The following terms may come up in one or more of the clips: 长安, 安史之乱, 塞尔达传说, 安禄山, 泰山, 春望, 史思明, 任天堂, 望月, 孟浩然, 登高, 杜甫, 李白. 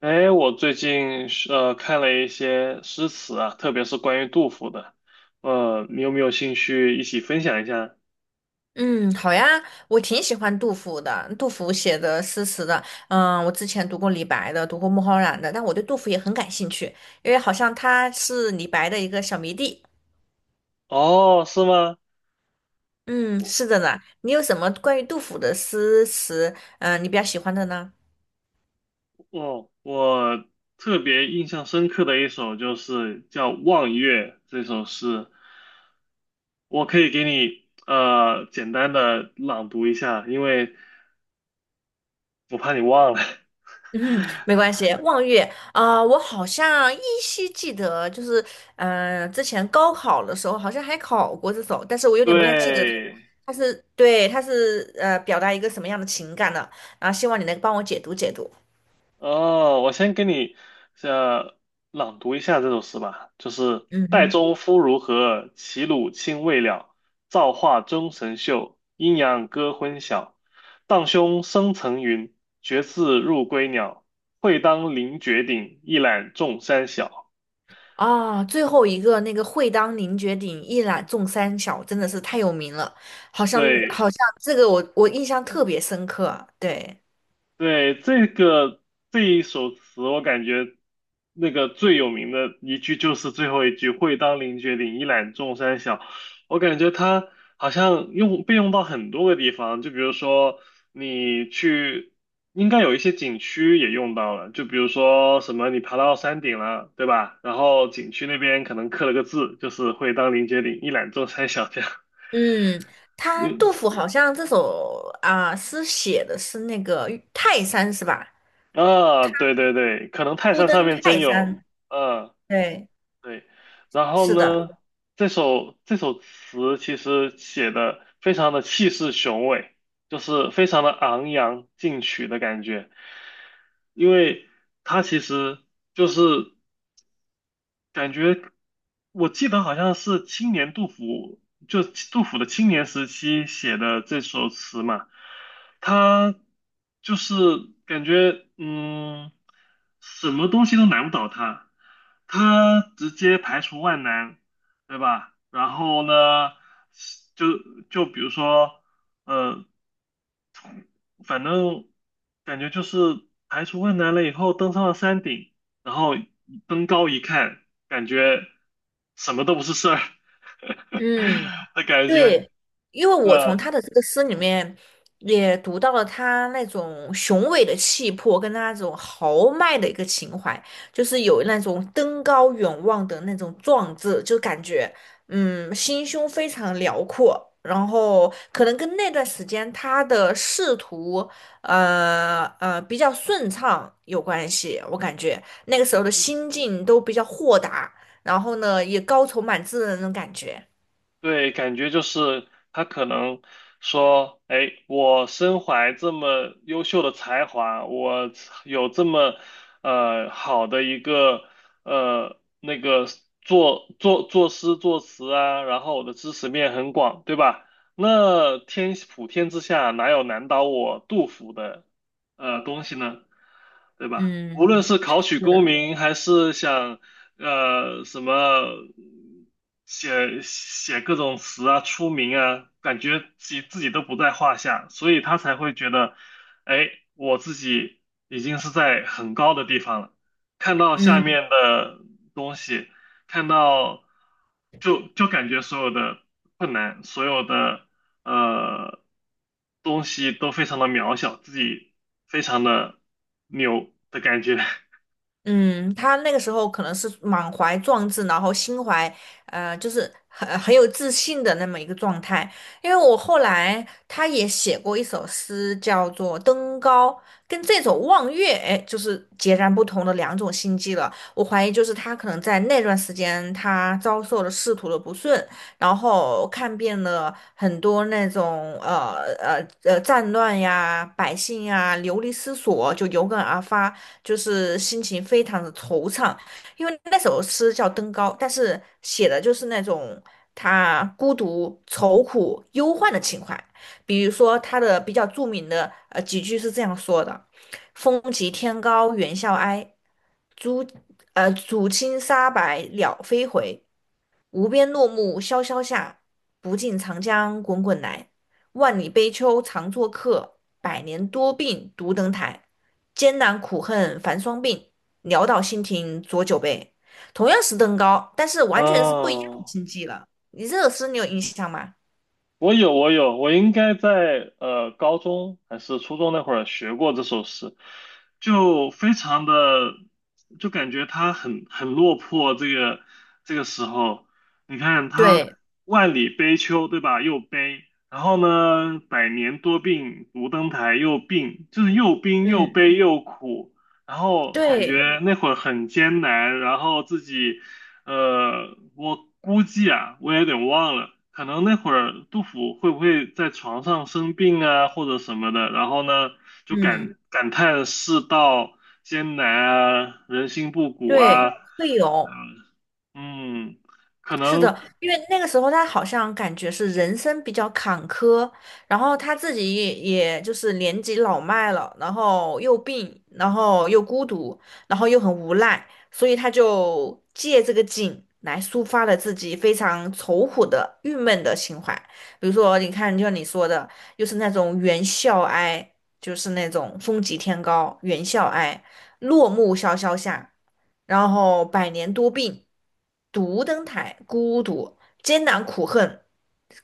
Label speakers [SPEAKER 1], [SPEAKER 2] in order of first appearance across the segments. [SPEAKER 1] 哎，我最近是看了一些诗词啊，特别是关于杜甫的，你有没有兴趣一起分享一下？
[SPEAKER 2] 嗯，好呀，我挺喜欢杜甫的，杜甫写的诗词的，嗯，我之前读过李白的，读过孟浩然的，但我对杜甫也很感兴趣，因为好像他是李白的一个小迷弟。
[SPEAKER 1] 哦，是吗？
[SPEAKER 2] 嗯，是的呢，你有什么关于杜甫的诗词，嗯，你比较喜欢的呢？
[SPEAKER 1] 哦，我特别印象深刻的一首就是叫《望月》这首诗，我可以给你简单的朗读一下，因为我怕你忘了。
[SPEAKER 2] 嗯，没关系。望月啊、我好像依稀记得，就是嗯、之前高考的时候好像还考过这首，但是我有点不太记得它，
[SPEAKER 1] 对，
[SPEAKER 2] 它是对，它是表达一个什么样的情感的。然后希望你能帮我解读解读。
[SPEAKER 1] 哦，我先给你呃朗读一下这首诗吧，就是
[SPEAKER 2] 嗯
[SPEAKER 1] 岱
[SPEAKER 2] 嗯。
[SPEAKER 1] 宗夫如何，齐鲁青未了。造化钟神秀，阴阳割昏晓。荡胸生层云，决眦入归鸟。会当凌绝顶，一览众山小。
[SPEAKER 2] 啊，最后一个那个“会当凌绝顶，一览众山小”真的是太有名了，好像
[SPEAKER 1] 对，
[SPEAKER 2] 好像这个我印象特别深刻。对，
[SPEAKER 1] 对，这个这一首词，我感觉那个最有名的一句就是最后一句“会当凌绝顶，一览众山小”。我感觉它好像用被用到很多个地方，就比如说你去，应该有一些景区也用到了，就比如说什么你爬到山顶了，对吧？然后景区那边可能刻了个字，就是“会当凌绝顶，一览众山小”这样。
[SPEAKER 2] 嗯，他杜
[SPEAKER 1] 嗯
[SPEAKER 2] 甫好像这首啊、诗写的是那个泰山是吧？
[SPEAKER 1] 啊，对对对，可能泰
[SPEAKER 2] 初
[SPEAKER 1] 山
[SPEAKER 2] 登
[SPEAKER 1] 上面真
[SPEAKER 2] 泰
[SPEAKER 1] 有，
[SPEAKER 2] 山，
[SPEAKER 1] 嗯。
[SPEAKER 2] 对，
[SPEAKER 1] 对，然后
[SPEAKER 2] 是的，
[SPEAKER 1] 呢，这首词其实写的非常的气势雄伟，就是非常的昂扬进取的感觉，因为它其实就是。感觉我记得好像是青年杜甫，就杜甫的青年时期写的这首词嘛，他就是感觉嗯，什么东西都难不倒他，他直接排除万难，对吧？然后呢，就就比如说，呃，反正感觉就是排除万难了以后，登上了山顶，然后登高一看，感觉什么都不是事儿
[SPEAKER 2] 嗯。
[SPEAKER 1] 的感觉。
[SPEAKER 2] 对，因为我从
[SPEAKER 1] 那
[SPEAKER 2] 他的这个诗里面也读到了他那种雄伟的气魄，跟他那种豪迈的一个情怀，就是有那种登高远望的那种壮志，就感觉嗯心胸非常辽阔。然后可能跟那段时间他的仕途，比较顺畅有关系，我感觉那个时候的心境都比较豁达，然后呢也高愁满志的那种感觉，
[SPEAKER 1] 对，感觉就是他可能说，哎，我身怀这么优秀的才华，我有这么好的一个呃那个作诗作词啊，然后我的知识面很广，对吧？那天普天之下哪有难倒我杜甫的东西呢？对吧？无
[SPEAKER 2] 嗯。
[SPEAKER 1] 论是考取
[SPEAKER 2] 是，
[SPEAKER 1] 功
[SPEAKER 2] 的，
[SPEAKER 1] 名，还是想。什么写各种词啊，出名啊，感觉自己都不在话下，所以他才会觉得，哎，我自己已经是在很高的地方了，看到下
[SPEAKER 2] 嗯
[SPEAKER 1] 面的东西，看到就感觉所有的困难，所有的呃东西都非常的渺小，自己非常的牛的感觉。
[SPEAKER 2] 嗯，他那个时候可能是满怀壮志，然后心怀就是很有自信的那么一个状态。因为我后来他也写过一首诗，叫做《登高》，跟这首《望月》哎，就是截然不同的两种心境了。我怀疑就是他可能在那段时间，他遭受了仕途的不顺，然后看遍了很多那种战乱呀、百姓呀流离失所，就有感而发。就是心情非常的惆怅，因为那首诗叫《登高》，但是写的就是那种他孤独、愁苦、忧患的情怀。比如说他的比较著名的几句是这样说的：“风急天高猿啸哀，渚渚清沙白鸟飞回。无边落木萧萧下，不尽长江滚滚来。万里悲秋常作客，百年多病独登台。艰难苦恨繁霜鬓，潦倒新停浊酒杯。同样是登高，但是完全是不一样的
[SPEAKER 1] 哦，
[SPEAKER 2] 境界了。你这首诗你有印象吗？
[SPEAKER 1] 我有，我有，我应该在高中还是初中那会儿学过这首诗，就非常的，就感觉他很落魄。这个时候，你看他
[SPEAKER 2] 对，
[SPEAKER 1] 万里悲秋，对吧？又悲，然后呢，百年多病独登台又病，就是又病又
[SPEAKER 2] 嗯，
[SPEAKER 1] 悲又苦。然后感
[SPEAKER 2] 对，
[SPEAKER 1] 觉那会儿很艰难，然后自己我估计啊，我也有点忘了，可能那会儿杜甫会不会在床上生病啊，或者什么的，然后呢，就
[SPEAKER 2] 嗯，
[SPEAKER 1] 感叹世道艰难啊，人心不古啊，
[SPEAKER 2] 对，会有。
[SPEAKER 1] 嗯，可
[SPEAKER 2] 是
[SPEAKER 1] 能，
[SPEAKER 2] 的，因为那个时候他好像感觉是人生比较坎坷，然后他自己也就是年纪老迈了，然后又病，然后又孤独，然后又很无奈，所以他就借这个景来抒发了自己非常愁苦的、郁闷的情怀。比如说，你看，就像你说的，又是那种猿啸哀，就是那种风急天高，猿啸哀，落木萧萧下，然后百年多病，独登台，孤独，艰难苦恨，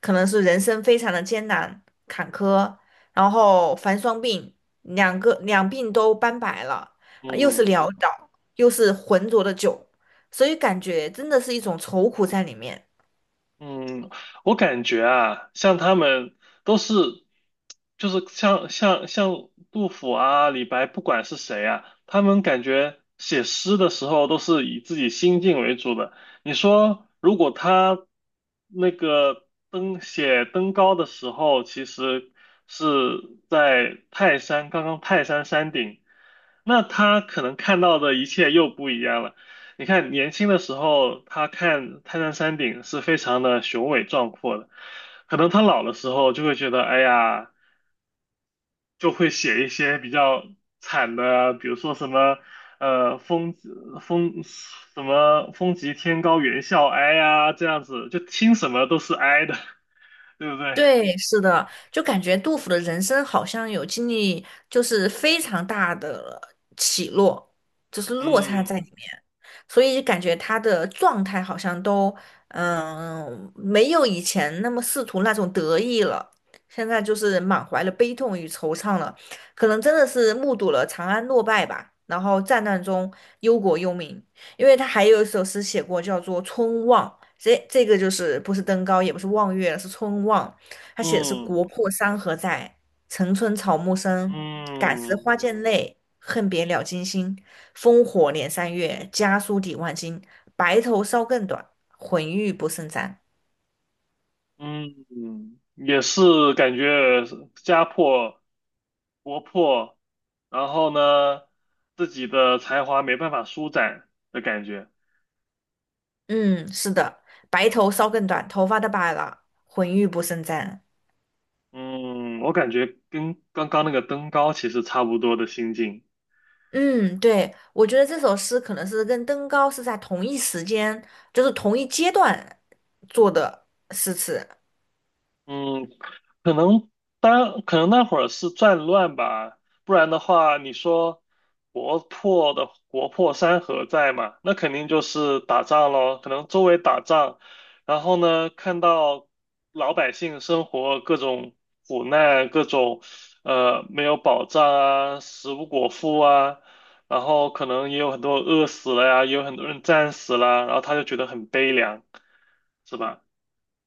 [SPEAKER 2] 可能是人生非常的艰难坎坷，然后凡双病，两病都斑白了，又是
[SPEAKER 1] 嗯，
[SPEAKER 2] 潦倒，又是浑浊的酒，所以感觉真的是一种愁苦在里面。
[SPEAKER 1] 嗯，我感觉啊，像他们都是，就是像杜甫啊、李白，不管是谁啊，他们感觉写诗的时候都是以自己心境为主的。你说，如果他那个登高的时候，其实是在泰山，刚刚泰山山顶，那他可能看到的一切又不一样了。你看，年轻的时候，他看泰山山顶是非常的雄伟壮阔的，可能他老的时候就会觉得，哎呀，就会写一些比较惨的啊，比如说什么，风风什么风急天高猿啸哀呀，这样子，就听什么都是哀的，对不对？
[SPEAKER 2] 对，是的，就感觉杜甫的人生好像有经历，就是非常大的起落，就是落差
[SPEAKER 1] 嗯
[SPEAKER 2] 在里面，所以感觉他的状态好像都，嗯，没有以前那么仕途那种得意了，现在就是满怀了悲痛与惆怅了，可能真的是目睹了长安落败吧，然后战乱中忧国忧民，因为他还有一首诗写过，叫做《春望》，这个就是不是登高，也不是望月，是春望。他写的是“国
[SPEAKER 1] 嗯
[SPEAKER 2] 破山河在，城春草木深。感时
[SPEAKER 1] 嗯
[SPEAKER 2] 花溅泪，恨别鸟惊心。烽火连三月，家书抵万金。白头搔更短，浑欲不胜簪。”
[SPEAKER 1] 嗯嗯，也是感觉家破活泼，然后呢，自己的才华没办法舒展的感觉。
[SPEAKER 2] 嗯，是的，白头搔更短，头发都白了，浑欲不胜簪。
[SPEAKER 1] 嗯，我感觉跟刚刚那个登高其实差不多的心境。
[SPEAKER 2] 嗯，对，我觉得这首诗可能是跟登高是在同一时间，就是同一阶段做的诗词。
[SPEAKER 1] 嗯，可能当可能那会儿是战乱吧，不然的话，你说国破的国破山河在嘛，那肯定就是打仗咯，可能周围打仗，然后呢，看到老百姓生活各种苦难，各种没有保障啊，食不果腹啊，然后可能也有很多饿死了呀，也有很多人战死了，然后他就觉得很悲凉，是吧？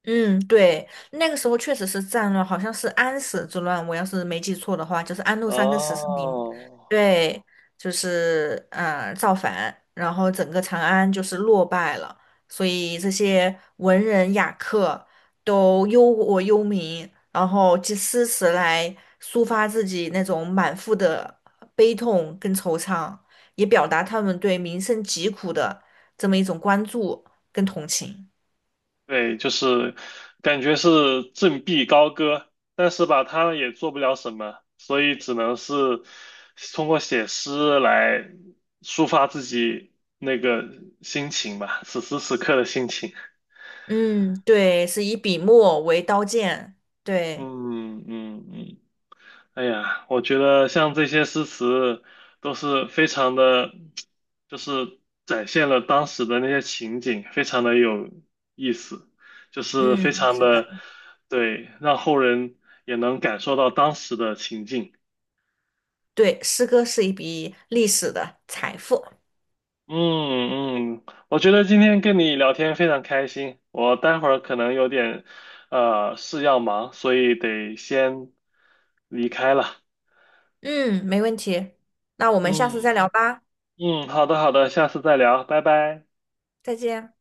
[SPEAKER 2] 嗯，对，那个时候确实是战乱，好像是安史之乱，我要是没记错的话，就是安禄山跟史思明，
[SPEAKER 1] 哦。
[SPEAKER 2] 对，就是造反，然后整个长安就是落败了，所以这些文人雅客都忧国忧民，然后借诗词来抒发自己那种满腹的悲痛跟惆怅，也表达他们对民生疾苦的这么一种关注跟同情。
[SPEAKER 1] 对，就是感觉是振臂高歌，但是吧，他也做不了什么，所以只能是通过写诗来抒发自己那个心情吧，此时此刻的心情。
[SPEAKER 2] 嗯，对，是以笔墨为刀剑，对，
[SPEAKER 1] 嗯嗯嗯，哎呀，我觉得像这些诗词都是非常的，就是展现了当时的那些情景，非常的有意思，就是非
[SPEAKER 2] 嗯，
[SPEAKER 1] 常
[SPEAKER 2] 是的，
[SPEAKER 1] 的，对，让后人也能感受到当时的情境。
[SPEAKER 2] 对，诗歌是一笔历史的财富，
[SPEAKER 1] 嗯嗯，我觉得今天跟你聊天非常开心，我待会儿可能有点事要忙，所以得先离开了。
[SPEAKER 2] 嗯，没问题，那我们下次再
[SPEAKER 1] 嗯
[SPEAKER 2] 聊吧，
[SPEAKER 1] 嗯，好的好的，下次再聊，拜拜。
[SPEAKER 2] 再见。